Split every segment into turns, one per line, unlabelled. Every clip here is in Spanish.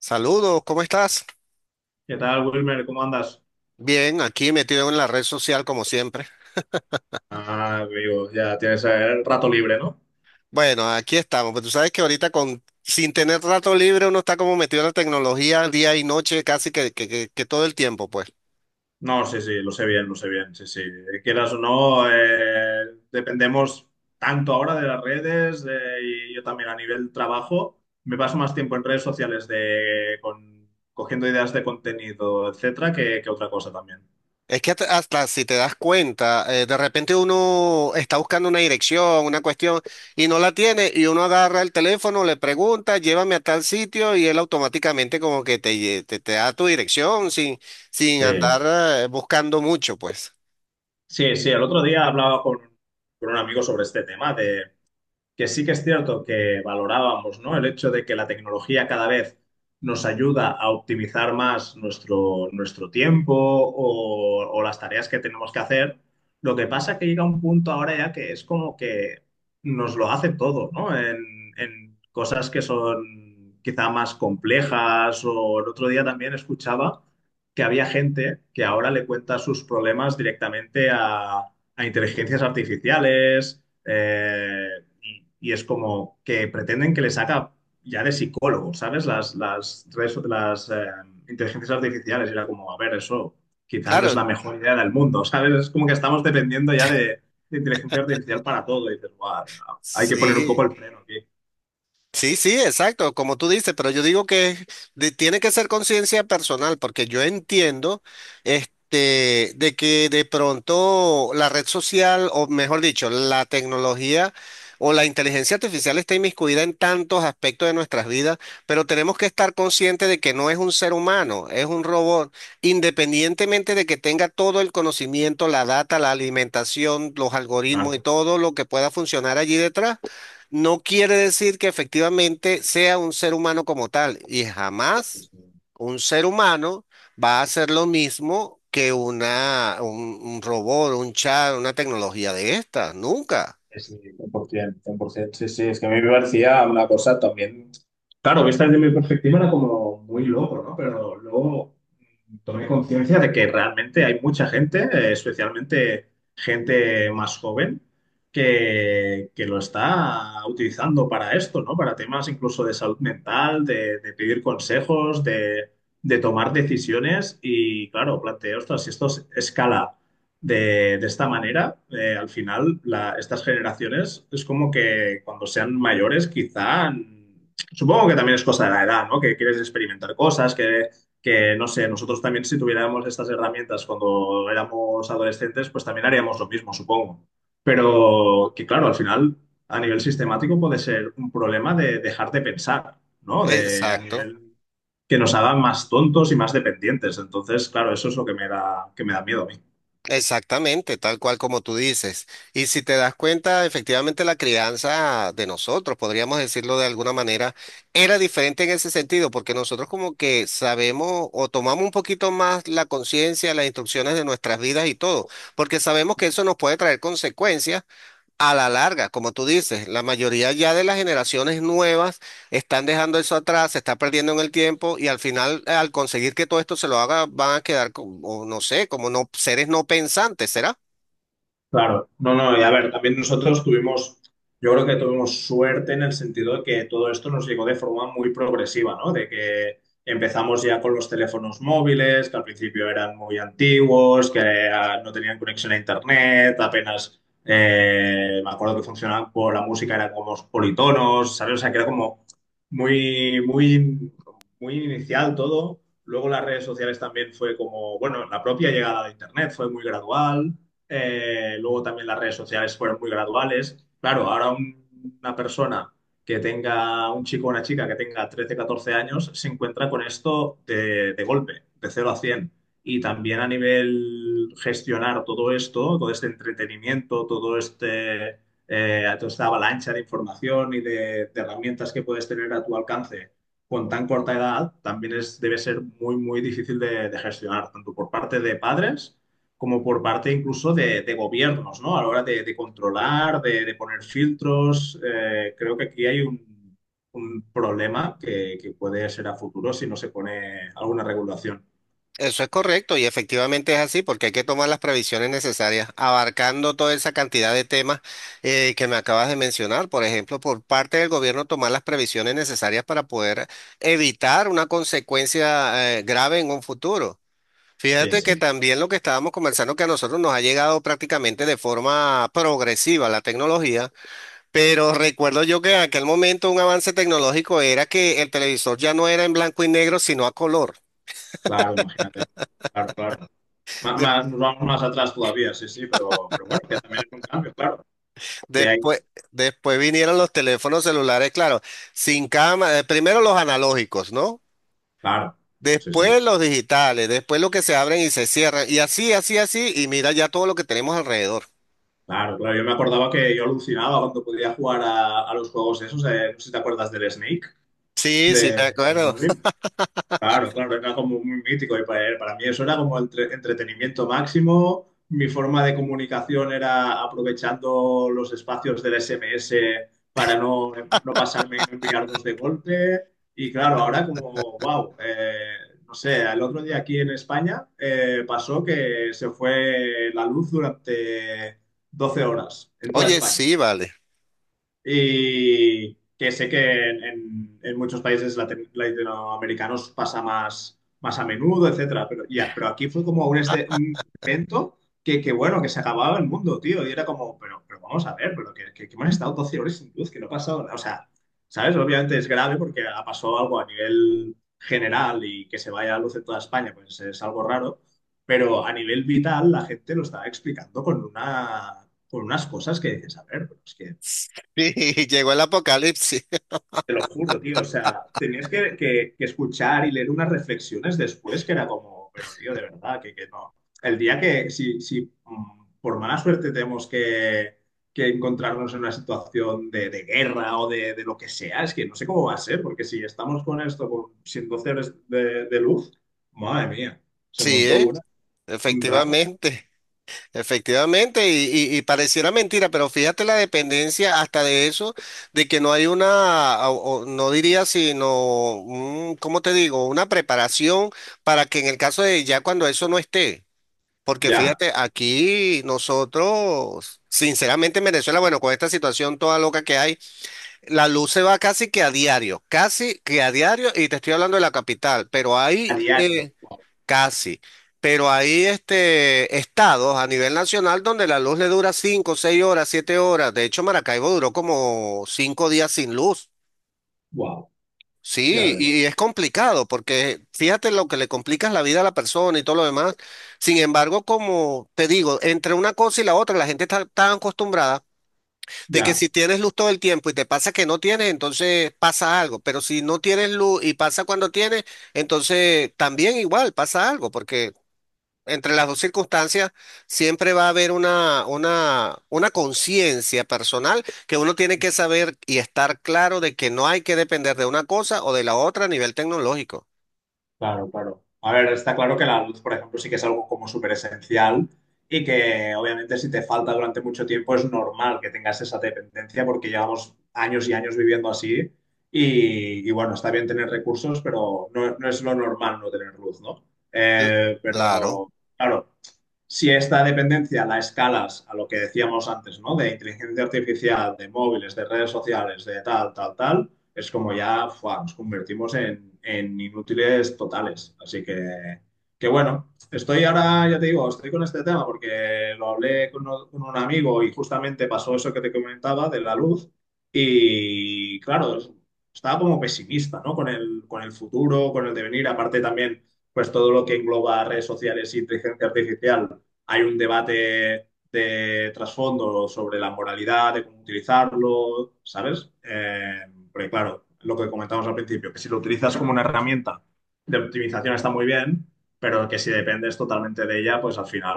Saludos, ¿cómo estás?
¿Qué tal, Wilmer? ¿Cómo andas?
Bien, aquí metido en la red social como siempre.
Ah, amigo, ya tienes el rato libre, ¿no?
Bueno, aquí estamos, pero tú sabes que ahorita con, sin tener rato libre uno está como metido en la tecnología día y noche casi que todo el tiempo, pues.
No, sí, sí, lo sé bien, sí, sí. Quieras o no, dependemos tanto ahora de las redes y yo también a nivel trabajo. Me paso más tiempo en redes sociales de, cogiendo ideas de contenido, etcétera, que otra cosa también.
Es que hasta si te das cuenta, de repente uno está buscando una dirección, una cuestión, y no la tiene, y uno agarra el teléfono, le pregunta, llévame a tal sitio, y él automáticamente como que te da tu dirección sin
Sí,
andar buscando mucho, pues.
sí, sí. El otro día hablaba con un amigo sobre este tema que sí que es cierto que valorábamos, ¿no? El hecho de que la tecnología cada vez nos ayuda a optimizar más nuestro tiempo o las tareas que tenemos que hacer. Lo que pasa es que llega un punto ahora ya que es como que nos lo hace todo, ¿no? En cosas que son quizá más complejas o el otro día también escuchaba que había gente que ahora le cuenta sus problemas directamente a inteligencias artificiales y es como que pretenden que les haga ya de psicólogo, ¿sabes? Las inteligencias artificiales y era como, a ver, eso quizás no es
Claro,
la mejor idea del mundo, ¿sabes? Es como que estamos dependiendo ya de inteligencia artificial para todo y dices, "Buah, hay que poner un poco
sí.
el freno aquí".
Sí, sí, exacto, como tú dices, pero yo digo que tiene que ser conciencia personal, porque yo entiendo este, de que de pronto la red social, o mejor dicho, la tecnología o la inteligencia artificial está inmiscuida en tantos aspectos de nuestras vidas, pero tenemos que estar conscientes de que no es un ser humano, es un robot, independientemente de que tenga todo el conocimiento, la data, la alimentación, los algoritmos y
Claro,
todo lo que pueda funcionar allí detrás no quiere decir que efectivamente sea un ser humano como tal, y jamás
pues,
un ser humano va a hacer lo mismo que un robot, un chat, una tecnología de estas, nunca.
sí, sí, es que a mí me parecía una cosa también. Claro, vista desde mi perspectiva era como muy loco, ¿no? Pero luego tomé conciencia de que realmente hay mucha gente, especialmente gente más joven, que lo está utilizando para esto, ¿no? Para temas incluso de salud mental, de pedir consejos, de tomar decisiones. Y claro, planteo, ostras, si escala de esta manera, al final estas generaciones es como que cuando sean mayores quizá... Supongo que también es cosa de la edad, ¿no? Que quieres experimentar cosas, que no sé, nosotros también si tuviéramos estas herramientas cuando éramos adolescentes, pues también haríamos lo mismo, supongo. Pero que claro, al final, a nivel sistemático puede ser un problema de dejar de pensar, ¿no? De, a
Exacto.
nivel que nos hagan más tontos y más dependientes. Entonces, claro, eso es lo que que me da miedo a mí.
Exactamente, tal cual como tú dices. Y si te das cuenta, efectivamente la crianza de nosotros, podríamos decirlo de alguna manera, era diferente en ese sentido, porque nosotros como que sabemos o tomamos un poquito más la conciencia, las instrucciones de nuestras vidas y todo, porque sabemos que eso nos puede traer consecuencias a la larga, como tú dices, la mayoría ya de las generaciones nuevas están dejando eso atrás, se está perdiendo en el tiempo y al final, al conseguir que todo esto se lo haga, van a quedar como, no sé, como no, seres no pensantes, ¿será?
Claro, no, no, y a ver, también nosotros tuvimos, yo creo que tuvimos suerte en el sentido de que todo esto nos llegó de forma muy progresiva, ¿no? De que empezamos ya con los teléfonos móviles, que al principio eran muy antiguos, que ah, no tenían conexión a internet, apenas, me acuerdo que funcionaban por la música, eran como politonos, ¿sabes? O sea, que era como muy, muy, muy inicial todo. Luego las redes sociales también fue como, bueno, la propia llegada de internet fue muy gradual. Luego también las redes sociales fueron muy graduales. Claro, ahora una persona que tenga, un chico o una chica que tenga 13 14 años, se encuentra con esto de golpe, de 0 a 100. Y también a nivel gestionar todo esto, todo este entretenimiento, todo este, toda esta avalancha de información y de herramientas que puedes tener a tu alcance con tan corta edad, también es, debe ser muy, muy difícil de gestionar, tanto por parte de padres como por parte incluso de gobiernos, ¿no? A la hora de controlar, de poner filtros. Eh, creo que aquí hay un problema que puede ser a futuro si no se pone alguna regulación.
Eso es correcto y efectivamente es así porque hay que tomar las previsiones necesarias, abarcando toda esa cantidad de temas que me acabas de mencionar. Por ejemplo, por parte del gobierno tomar las previsiones necesarias para poder evitar una consecuencia grave en un futuro.
Sí,
Fíjate que
sí.
también lo que estábamos conversando, que a nosotros nos ha llegado prácticamente de forma progresiva la tecnología, pero recuerdo yo que en aquel momento un avance tecnológico era que el televisor ya no era en blanco y negro, sino a color.
Claro, imagínate. Claro, claro.
De-
Nos vamos más atrás todavía, sí, sí, pero bueno, que también es un cambio, claro. Que
después,
hay,
después vinieron los teléfonos celulares, claro, sin cámara, primero los analógicos, ¿no?
claro, sí, sí.
Después los digitales, después los que se abren y se cierran, y así, así, así, y mira ya todo lo que tenemos alrededor.
Claro, claro. Yo me acordaba que yo alucinaba cuando podía jugar a los juegos esos. Eh, no sé si te acuerdas del Snake,
Sí, sí, me
de- del
acuerdo.
móvil. Claro, claro, era como muy mítico y para mí eso era como entretenimiento máximo. Mi forma de comunicación era aprovechando los espacios del SMS para no pasarme y no enviar dos de golpe. Y claro, ahora como, wow, no sé, el otro día aquí en España pasó que se fue la luz durante 12 horas en toda
Oye,
España.
sí, vale.
Y que sé que en, en muchos países latinoamericanos pasa más, más a menudo, etcétera. Pero, ya, pero aquí fue como un, un evento que, bueno, que se acababa el mundo, tío. Y era como, pero vamos a ver, pero que hemos estado 12 horas sin luz, que no ha pasado nada. O sea, ¿sabes? Obviamente es grave porque ha pasado algo a nivel general y que se vaya la luz en toda España, pues es algo raro. Pero a nivel vital, la gente lo estaba explicando con una, con unas cosas que dices, a ver, pero es que
Sí, llegó el apocalipsis.
te lo juro, tío. O sea, tenías que, que escuchar y leer unas reflexiones después que era como, pero tío, de verdad, que no. El día que, si, si por mala suerte tenemos que encontrarnos en una situación de guerra o de lo que sea, es que no sé cómo va a ser, porque si estamos con esto, con, sin 12 horas de luz, madre mía, se
Sí,
montó
¿eh?
una, un drama.
Efectivamente, efectivamente, y pareciera mentira, pero fíjate la dependencia hasta de eso, de que no hay una, o no diría sino, un, ¿cómo te digo? Una preparación para que en el caso de ya cuando eso no esté, porque
Ya,
fíjate, aquí nosotros, sinceramente en Venezuela, bueno, con esta situación toda loca que hay, la luz se va casi que a diario, casi que a diario, y te estoy hablando de la capital, pero
a
hay...
diario.
Casi. Pero hay este, estados a nivel nacional donde la luz le dura 5, 6 horas, 7 horas. De hecho, Maracaibo duró como 5 días sin luz.
Wow, ya
Sí,
ves,
y es complicado porque fíjate lo que le complicas la vida a la persona y todo lo demás. Sin embargo, como te digo, entre una cosa y la otra, la gente está tan acostumbrada de que
ya.
si tienes luz todo el tiempo y te pasa que no tienes, entonces pasa algo. Pero si no tienes luz y pasa cuando tienes, entonces también igual pasa algo, porque entre las dos circunstancias siempre va a haber una conciencia personal que uno tiene que saber y estar claro de que no hay que depender de una cosa o de la otra a nivel tecnológico.
Claro, claro. A ver, está claro que la luz, por ejemplo, sí que es algo como súper esencial y que obviamente si te falta durante mucho tiempo es normal que tengas esa dependencia porque llevamos años y años viviendo así y bueno, está bien tener recursos, pero no, no es lo normal no tener luz, ¿no?
Cl- Claro.
Pero claro, si esta dependencia la escalas a lo que decíamos antes, ¿no? De inteligencia artificial, de móviles, de redes sociales, de tal, tal, tal, es como ya fuá, nos convertimos en inútiles totales. Así que bueno, estoy ahora, ya te digo, estoy con este tema porque lo hablé con, con un amigo y justamente pasó eso que te comentaba de la luz y claro, estaba como pesimista, ¿no? Con el futuro, con el devenir, aparte también, pues todo lo que engloba redes sociales y inteligencia artificial hay un debate de trasfondo sobre la moralidad, de cómo utilizarlo, ¿sabes? Porque claro, lo que comentamos al principio, que si lo utilizas como una herramienta de optimización está muy bien, pero que si dependes totalmente de ella, pues al final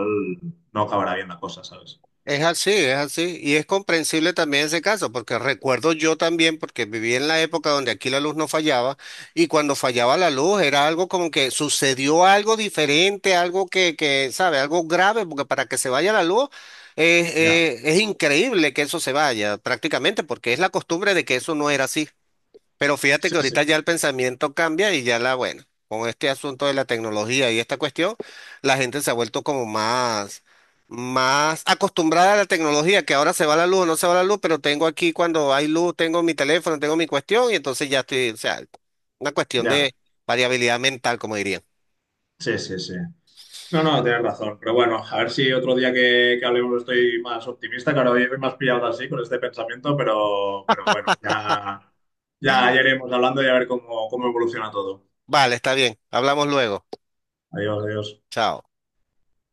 no acabará bien la cosa, ¿sabes?
Es así, es así. Y es comprensible también ese caso, porque recuerdo yo también, porque viví en la época donde aquí la luz no fallaba, y cuando fallaba la luz era algo como que sucedió algo diferente, algo que, ¿sabe? Algo grave, porque para que se vaya la luz
Ya,
es increíble que eso se vaya prácticamente, porque es la costumbre de que eso no era así. Pero fíjate
sí,
que
sí.
ahorita ya el pensamiento cambia y ya la, bueno, con este asunto de la tecnología y esta cuestión, la gente se ha vuelto como más, más acostumbrada a la tecnología, que ahora se va la luz o no se va la luz, pero tengo aquí cuando hay luz, tengo mi teléfono, tengo mi cuestión y entonces ya estoy, o sea, una cuestión
Ya,
de variabilidad mental, como dirían.
sí, sí, sí. No, no, tienes razón. Pero bueno, a ver si otro día que hablemos estoy más optimista. Claro, hoy me has pillado así con este pensamiento, pero bueno, ya, ya, ya iremos hablando y a ver cómo, cómo evoluciona todo.
Vale, está bien, hablamos luego.
Adiós, adiós.
Chao.